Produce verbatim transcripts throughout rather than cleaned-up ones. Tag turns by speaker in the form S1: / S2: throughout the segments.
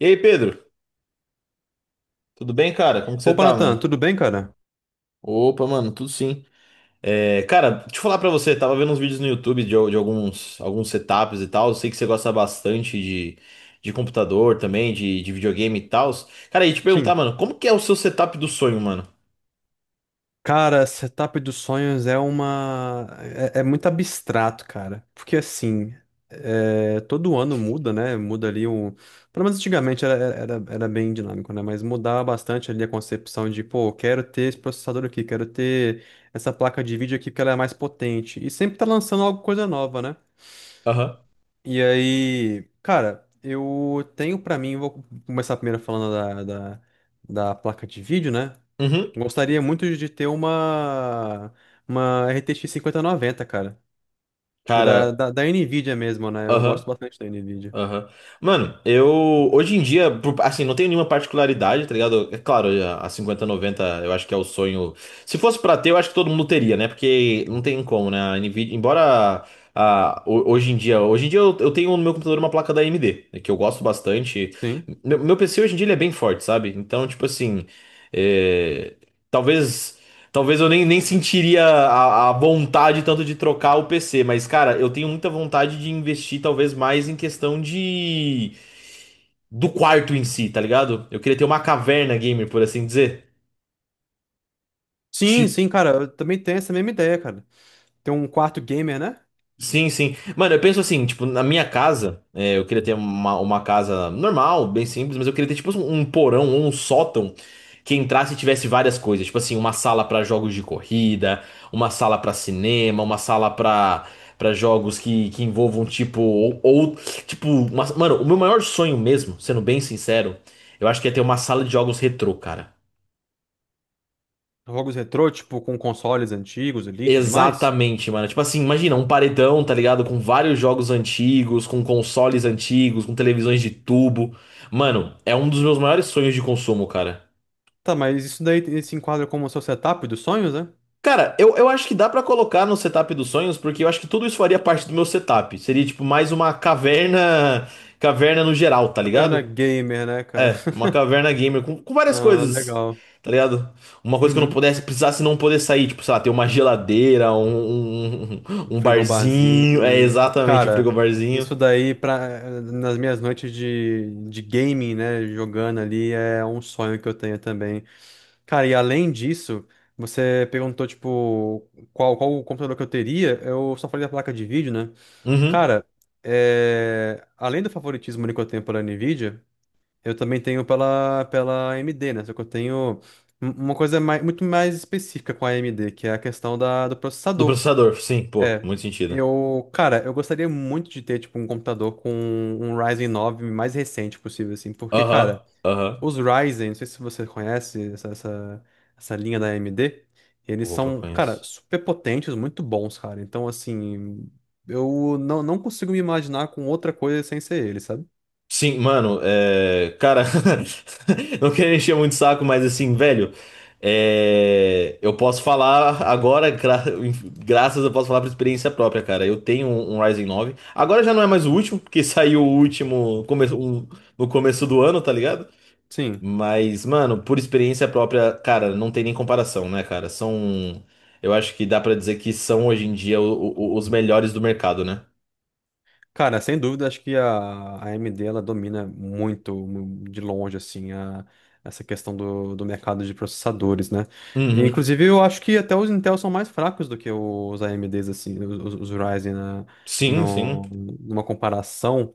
S1: E aí, Pedro? Tudo bem, cara? Como que você
S2: Opa,
S1: tá, mano?
S2: Natan, tudo bem, cara?
S1: Opa, mano, tudo sim. É, cara, deixa eu falar pra você, tava vendo uns vídeos no YouTube de, de alguns, alguns setups e tal. Eu sei que você gosta bastante de, de computador também, de, de videogame e tal. Cara, e te perguntar,
S2: Sim.
S1: mano, como que é o seu setup do sonho, mano?
S2: Cara, setup dos sonhos é uma. É, é muito abstrato, cara. Porque assim, é, todo ano muda, né? Muda ali um. Pelo menos antigamente era, era, era bem dinâmico, né? Mas mudava bastante ali a concepção de, pô, quero ter esse processador aqui, quero ter essa placa de vídeo aqui porque ela é mais potente. E sempre tá lançando alguma coisa nova, né?
S1: Aham.
S2: E aí, cara, eu tenho pra mim, vou começar primeiro falando da, da, da placa de vídeo, né?
S1: Uhum.
S2: Gostaria muito de ter uma, uma R T X noventa, cara. Tipo, da,
S1: Cara,
S2: da, da NVIDIA mesmo, né? Eu
S1: aham.
S2: gosto bastante da NVIDIA.
S1: Aham. Mano, eu hoje em dia, por- assim, não tenho nenhuma particularidade, tá ligado? É claro, a a cinquenta noventa eu acho que é o sonho. Se fosse pra ter, eu acho que todo mundo teria, né? Porque não tem como, né? A Nvidia, embora a, ho- hoje em dia, hoje em dia eu, eu tenho no meu computador uma placa da A M D, né, que eu gosto bastante.
S2: Sim.
S1: Meu, meu P C hoje em dia ele é bem forte, sabe? Então, tipo assim, é, talvez. Talvez eu nem, nem sentiria a, a vontade tanto de trocar o P C, mas, cara, eu tenho muita vontade de investir talvez mais em questão de do quarto em si, tá ligado? Eu queria ter uma caverna gamer, por assim dizer.
S2: Sim,
S1: Tipo,
S2: sim, cara. Eu também tenho essa mesma ideia, cara. Ter um quarto gamer, né?
S1: sim, sim. Mano, eu penso assim, tipo, na minha casa, é, eu queria ter uma, uma casa normal, bem simples, mas eu queria ter, tipo, um, um porão ou um sótão que entrasse e tivesse várias coisas. Tipo assim, uma sala pra jogos de corrida, uma sala pra cinema, uma sala pra para jogos que, que envolvam, tipo, ou, ou tipo, uma- mano, o meu maior sonho mesmo, sendo bem sincero, eu acho que é ter uma sala de jogos retrô, cara.
S2: Jogos retrô, tipo, com consoles antigos ali e tudo mais.
S1: Exatamente, mano. Tipo assim, imagina um paredão, tá ligado? Com vários jogos antigos, com consoles antigos, com televisões de tubo. Mano, é um dos meus maiores sonhos de consumo, cara.
S2: Tá, mas isso daí se enquadra como o seu setup dos sonhos, né?
S1: Cara, eu, eu acho que dá pra colocar no setup dos sonhos, porque eu acho que tudo isso faria parte do meu setup. Seria tipo mais uma caverna, caverna no geral, tá
S2: Trabalhando na
S1: ligado?
S2: gamer, né, cara?
S1: É, uma caverna gamer com, com várias
S2: Ah,
S1: coisas,
S2: legal.
S1: tá ligado? Uma coisa que eu não
S2: Uhum.
S1: pudesse, precisasse não poder sair, tipo, sei lá, ter uma geladeira, um, um, um barzinho. É
S2: Frigobarzinho, né?
S1: exatamente, um
S2: Cara,
S1: frigobarzinho.
S2: isso daí pra, nas minhas noites de, de gaming, né? Jogando ali é um sonho que eu tenho também. Cara, e além disso, você perguntou, tipo, qual, qual o computador que eu teria? Eu só falei da placa de vídeo, né?
S1: Uhum.
S2: Cara, é, além do favoritismo ali que eu tenho pela Nvidia, eu também tenho pela, pela A M D, né? Só que eu tenho um- uma coisa mais, muito mais específica com a AMD, que é a questão da, do
S1: Do
S2: processador.
S1: processador, sim, pô,
S2: É.
S1: muito sentido.
S2: Eu, cara, eu gostaria muito de ter, tipo, um computador com um Ryzen nove mais recente possível, assim, porque, cara,
S1: Aham, aham.
S2: os Ryzen, não sei se você conhece essa, essa, essa linha da A M D, eles
S1: Opa,
S2: são, cara,
S1: conheço.
S2: super potentes, muito bons, cara. Então, assim, eu não, não consigo me imaginar com outra coisa sem ser ele, sabe?
S1: Sim, mano, é, cara, não quero encher muito o saco, mas assim, velho, é, eu posso falar agora, gra- graças eu posso falar por experiência própria, cara. Eu tenho um, um Ryzen nove. Agora já não é mais o
S2: Uhum.
S1: último, porque saiu o último come- um- no começo do ano, tá ligado?
S2: Sim.
S1: Mas, mano, por experiência própria, cara, não tem nem comparação, né, cara? São, eu acho que dá pra dizer que são hoje em dia o- o- os melhores do mercado, né?
S2: Cara, sem dúvida, acho que a a AMD ela domina muito mu- de longe assim a- essa questão do, do mercado de processadores, né? E,
S1: Uhum.
S2: inclusive, eu acho que até os Intel são mais fracos do que os A M Ds assim, os, os Ryzen né,
S1: Sim, sim.
S2: no- numa comparação.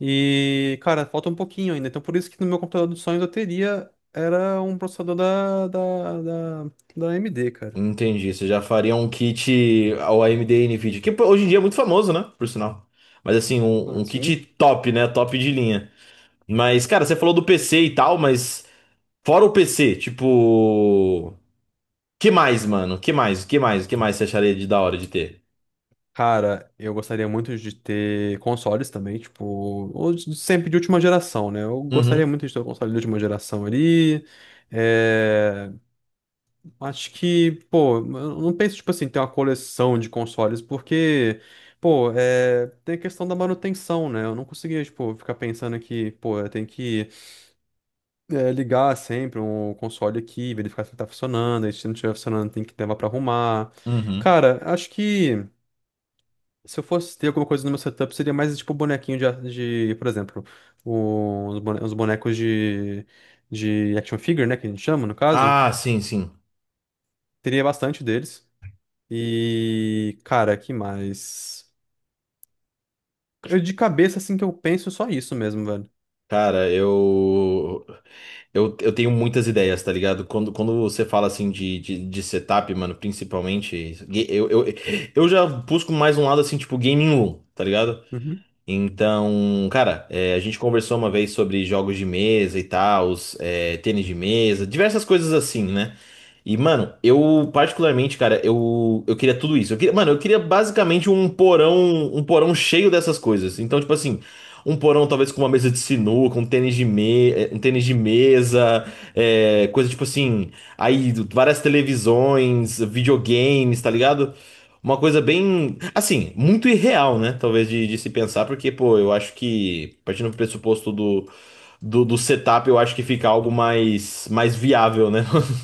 S2: E, cara, falta um pouquinho ainda. Então, por isso que no meu computador dos sonhos eu teria era um processador da da, da, da A M D, cara.
S1: Entendi. Você já faria um kit ao A M D NVIDIA, que pô, hoje em dia é muito famoso, né? Por sinal. Mas assim, um,
S2: Ah,
S1: um kit
S2: sim.
S1: top, né? Top de linha. Mas, cara, você falou do P C e tal, mas fora o P C, tipo, que mais, mano? Que mais? Que mais? Que mais você acharia de da hora de ter?
S2: Cara, eu gostaria muito de ter consoles também, tipo, ou de- sempre de última geração, né? Eu gostaria
S1: Uhum,
S2: muito de ter um console de última geração ali. É, Acho que, pô, eu não penso, tipo assim, ter uma coleção de consoles, porque, pô, é... tem a questão da manutenção, né? Eu não conseguia, tipo, ficar pensando que, pô, eu tenho que é, ligar sempre um console aqui, verificar se ele tá funcionando, e se não estiver funcionando, tem que levar pra arrumar.
S1: uhum.
S2: Cara, acho que. Se eu fosse ter alguma coisa no meu setup, seria mais tipo bonequinho de, a- de, por exemplo, o- os bone- os bonecos de, de action figure, né, que a gente chama, no caso.
S1: Ah, sim, sim.
S2: Teria bastante deles. E, cara, que mais? Eu de cabeça, assim, que eu penso só isso mesmo, velho.
S1: Cara, eu. Eu, eu tenho muitas ideias, tá ligado? Quando, quando você fala assim de, de, de setup, mano, principalmente, ga- eu, eu, eu já busco mais um lado assim, tipo gaming room, tá ligado?
S2: Uhum.
S1: Então, cara, é, a gente conversou uma vez sobre jogos de mesa e tal, os, é, tênis de mesa, diversas coisas assim, né? E, mano, eu particularmente, cara, eu, eu queria tudo isso. Eu queria, mano, eu queria basicamente um porão, um porão cheio dessas coisas. Então, tipo assim, um porão talvez com uma mesa de sinuca, um tênis de, me, eh, um tênis de mesa, eh, coisa tipo assim, aí várias televisões, videogames, tá ligado? Uma coisa bem, assim, muito irreal, né? Talvez de, de se pensar, porque, pô, eu acho que, partindo do pressuposto do, do, do setup, eu acho que fica algo mais, mais viável, né?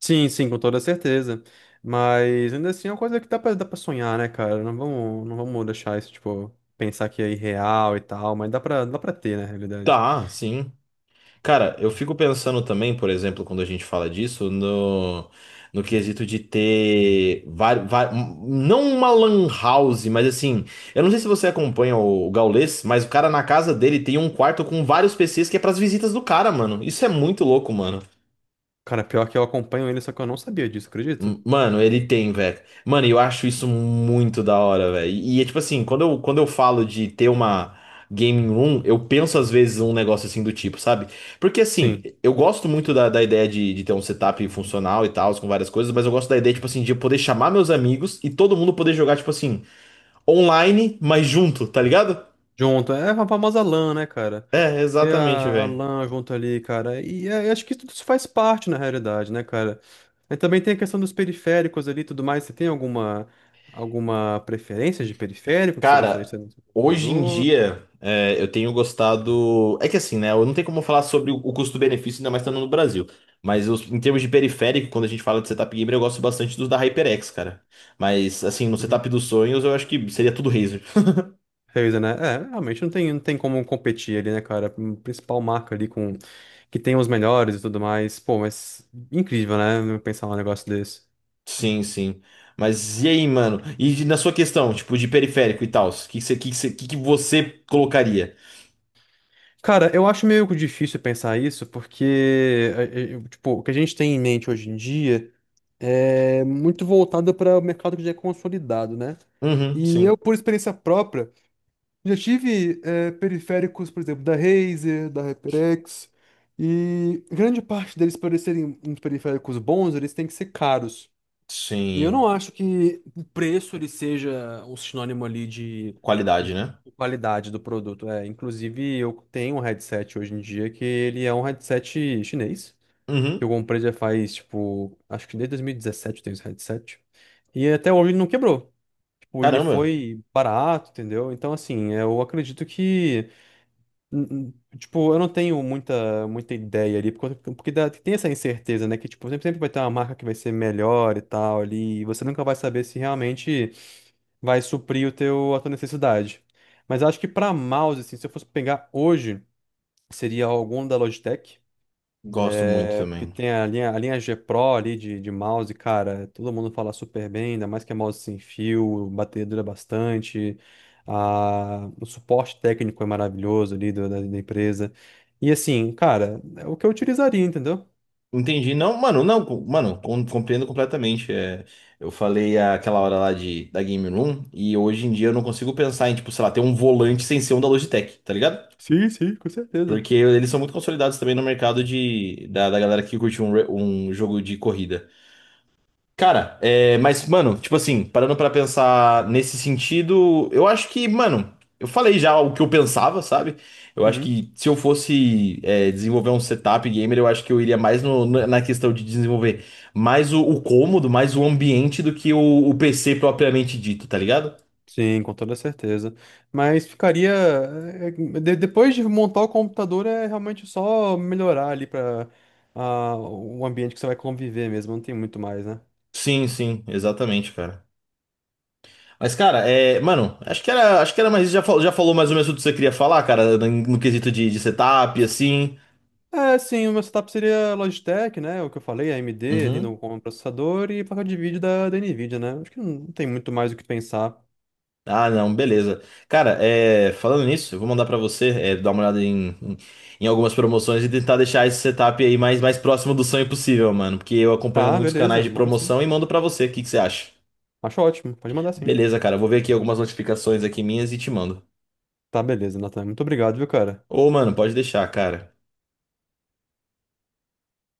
S2: Sim, sim, com toda certeza. Mas ainda assim é uma coisa que dá pra, dá pra sonhar, né, cara? Não vamos, não vamos deixar isso, tipo, pensar que é irreal e tal, mas dá pra, dá pra ter, né, na realidade.
S1: Tá, sim. Cara, eu fico pensando também, por exemplo, quando a gente fala disso, no, no quesito de ter vari- va- não uma lan house, mas assim, eu não sei se você acompanha o, o Gaules, mas o cara na casa dele tem um quarto com vários P Cs que é pras visitas do cara, mano. Isso é muito louco, mano.
S2: Cara, pior que eu acompanho ele, só que eu não sabia disso, acredita?
S1: M- Mano, ele tem, velho. Mano, eu acho isso muito da hora, velho. E, é tipo assim, quando eu, quando eu falo de ter uma gaming room, eu penso às vezes um negócio assim do tipo, sabe? Porque assim,
S2: Sim.
S1: eu gosto muito da, da ideia de, de ter um setup funcional e tal, com várias coisas, mas eu gosto da ideia, tipo assim, de eu poder chamar meus amigos e todo mundo poder jogar, tipo assim, online, mas junto, tá ligado?
S2: Junto, é a famosa LAN, né, cara?
S1: É,
S2: Ter
S1: exatamente,
S2: a, a
S1: velho.
S2: LAN junto ali, cara. E é, eu acho que tudo isso faz parte, na realidade, né, cara? E também tem a questão dos periféricos ali e tudo mais. Você tem alguma, alguma preferência de periférico que você gostaria
S1: Cara,
S2: de ter no seu
S1: hoje em
S2: computador?
S1: dia é, eu tenho gostado. É que assim, né? Eu não tenho como falar sobre o o custo-benefício, ainda mais estando no Brasil. Mas os- em termos de periférico, quando a gente fala de setup gamer, eu gosto bastante dos da HyperX, cara. Mas assim, no setup
S2: Uhum.
S1: dos sonhos, eu acho que seria tudo Razer.
S2: Razer, né? É, realmente não tem, não tem como competir ali, né, cara? A principal marca ali com que tem os melhores e tudo mais. Pô, mas incrível, né? Pensar um negócio desse.
S1: Sim, sim. Mas e aí, mano? E de- na sua questão, tipo, de periférico e tal, o que, que, você- que, que você que que você colocaria?
S2: Cara, eu acho meio difícil pensar isso, porque eh, eh, tipo, o que a gente tem em mente hoje em dia é muito voltado para o mercado que já é consolidado, né?
S1: Uhum,
S2: E eu,
S1: sim.
S2: por experiência própria, já tive eh, periféricos, por exemplo, da Razer, da HyperX, e grande parte deles, para eles serem uns periféricos bons, eles têm que ser caros. E eu
S1: Sim.
S2: não acho que o preço ele seja um sinônimo ali de,
S1: Qualidade,
S2: de
S1: né?
S2: qualidade do produto. É, inclusive, eu tenho um headset hoje em dia que ele é um headset chinês, que eu
S1: Uhum.
S2: comprei já faz, tipo, acho que desde dois mil e dezessete eu tenho esse headset. E até hoje ele não quebrou. Tipo, ele
S1: Caramba,
S2: foi barato, entendeu? Então, assim, eu acredito que N- n- tipo, eu não tenho muita, muita ideia ali, porque, porque, dá- tem essa incerteza, né? Que tipo, sempre, sempre vai ter uma marca que vai ser melhor e tal ali, e você nunca vai saber se realmente vai suprir o teu, a tua necessidade. Mas eu acho que pra mouse, assim, se eu fosse pegar hoje, seria algum da Logitech.
S1: gosto muito
S2: É porque
S1: também.
S2: tem a linha, a linha G Pro ali de, de mouse, cara, todo mundo fala super bem, ainda mais que é mouse sem fio, bateria dura bastante, a, o suporte técnico é maravilhoso ali do- da, da empresa. E assim, cara, é o que eu utilizaria, entendeu?
S1: Entendi. Não, mano, não, com- mano, com- compreendo completamente. É, eu falei aquela hora lá de, da Game Room e hoje em dia eu não consigo pensar em, tipo, sei lá, ter um volante sem ser um da Logitech, tá ligado?
S2: Sim, sim, com certeza.
S1: Porque eles são muito consolidados também no mercado de, da, da galera que curte um, re- um jogo de corrida. Cara, é, mas, mano, tipo assim, parando pra pensar nesse sentido, eu acho que, mano, eu falei já o que eu pensava, sabe? Eu acho
S2: Uhum.
S1: que se eu fosse, é, desenvolver um setup gamer, eu acho que eu iria mais no- na na questão de desenvolver mais o, o cômodo, mais o ambiente do que o, o P C propriamente dito, tá ligado?
S2: Sim, com toda certeza. Mas ficaria. é, é, de- depois de montar o computador, é realmente só melhorar ali para o ambiente que você vai conviver mesmo, não tem muito mais, né?
S1: Sim, sim, exatamente, cara. Mas, cara, é, mano, acho que era, acho que era mais, já, fal- já falou mais ou menos o que você queria falar, cara, no, no quesito de, de setup, assim.
S2: É, sim, o meu setup seria Logitech, né? É o que eu falei, A M D ali no
S1: Uhum.
S2: com o processador e placa de vídeo da, da Nvidia, né? Acho que não tem muito mais o que pensar.
S1: Ah, não, beleza. Cara, é, falando nisso, eu vou mandar pra você é, dar uma olhada em, em, em algumas promoções e tentar deixar esse setup aí mais, mais próximo do sonho possível, mano. Porque eu acompanho
S2: Tá,
S1: muitos
S2: beleza,
S1: canais de
S2: manda sim.
S1: promoção e mando pra você. O que que você acha?
S2: Acho ótimo, pode mandar sim.
S1: Beleza, cara, eu vou ver aqui algumas notificações aqui minhas e te mando.
S2: Tá, beleza, Nathan. Muito obrigado, viu, cara?
S1: Ô, mano, pode deixar, cara.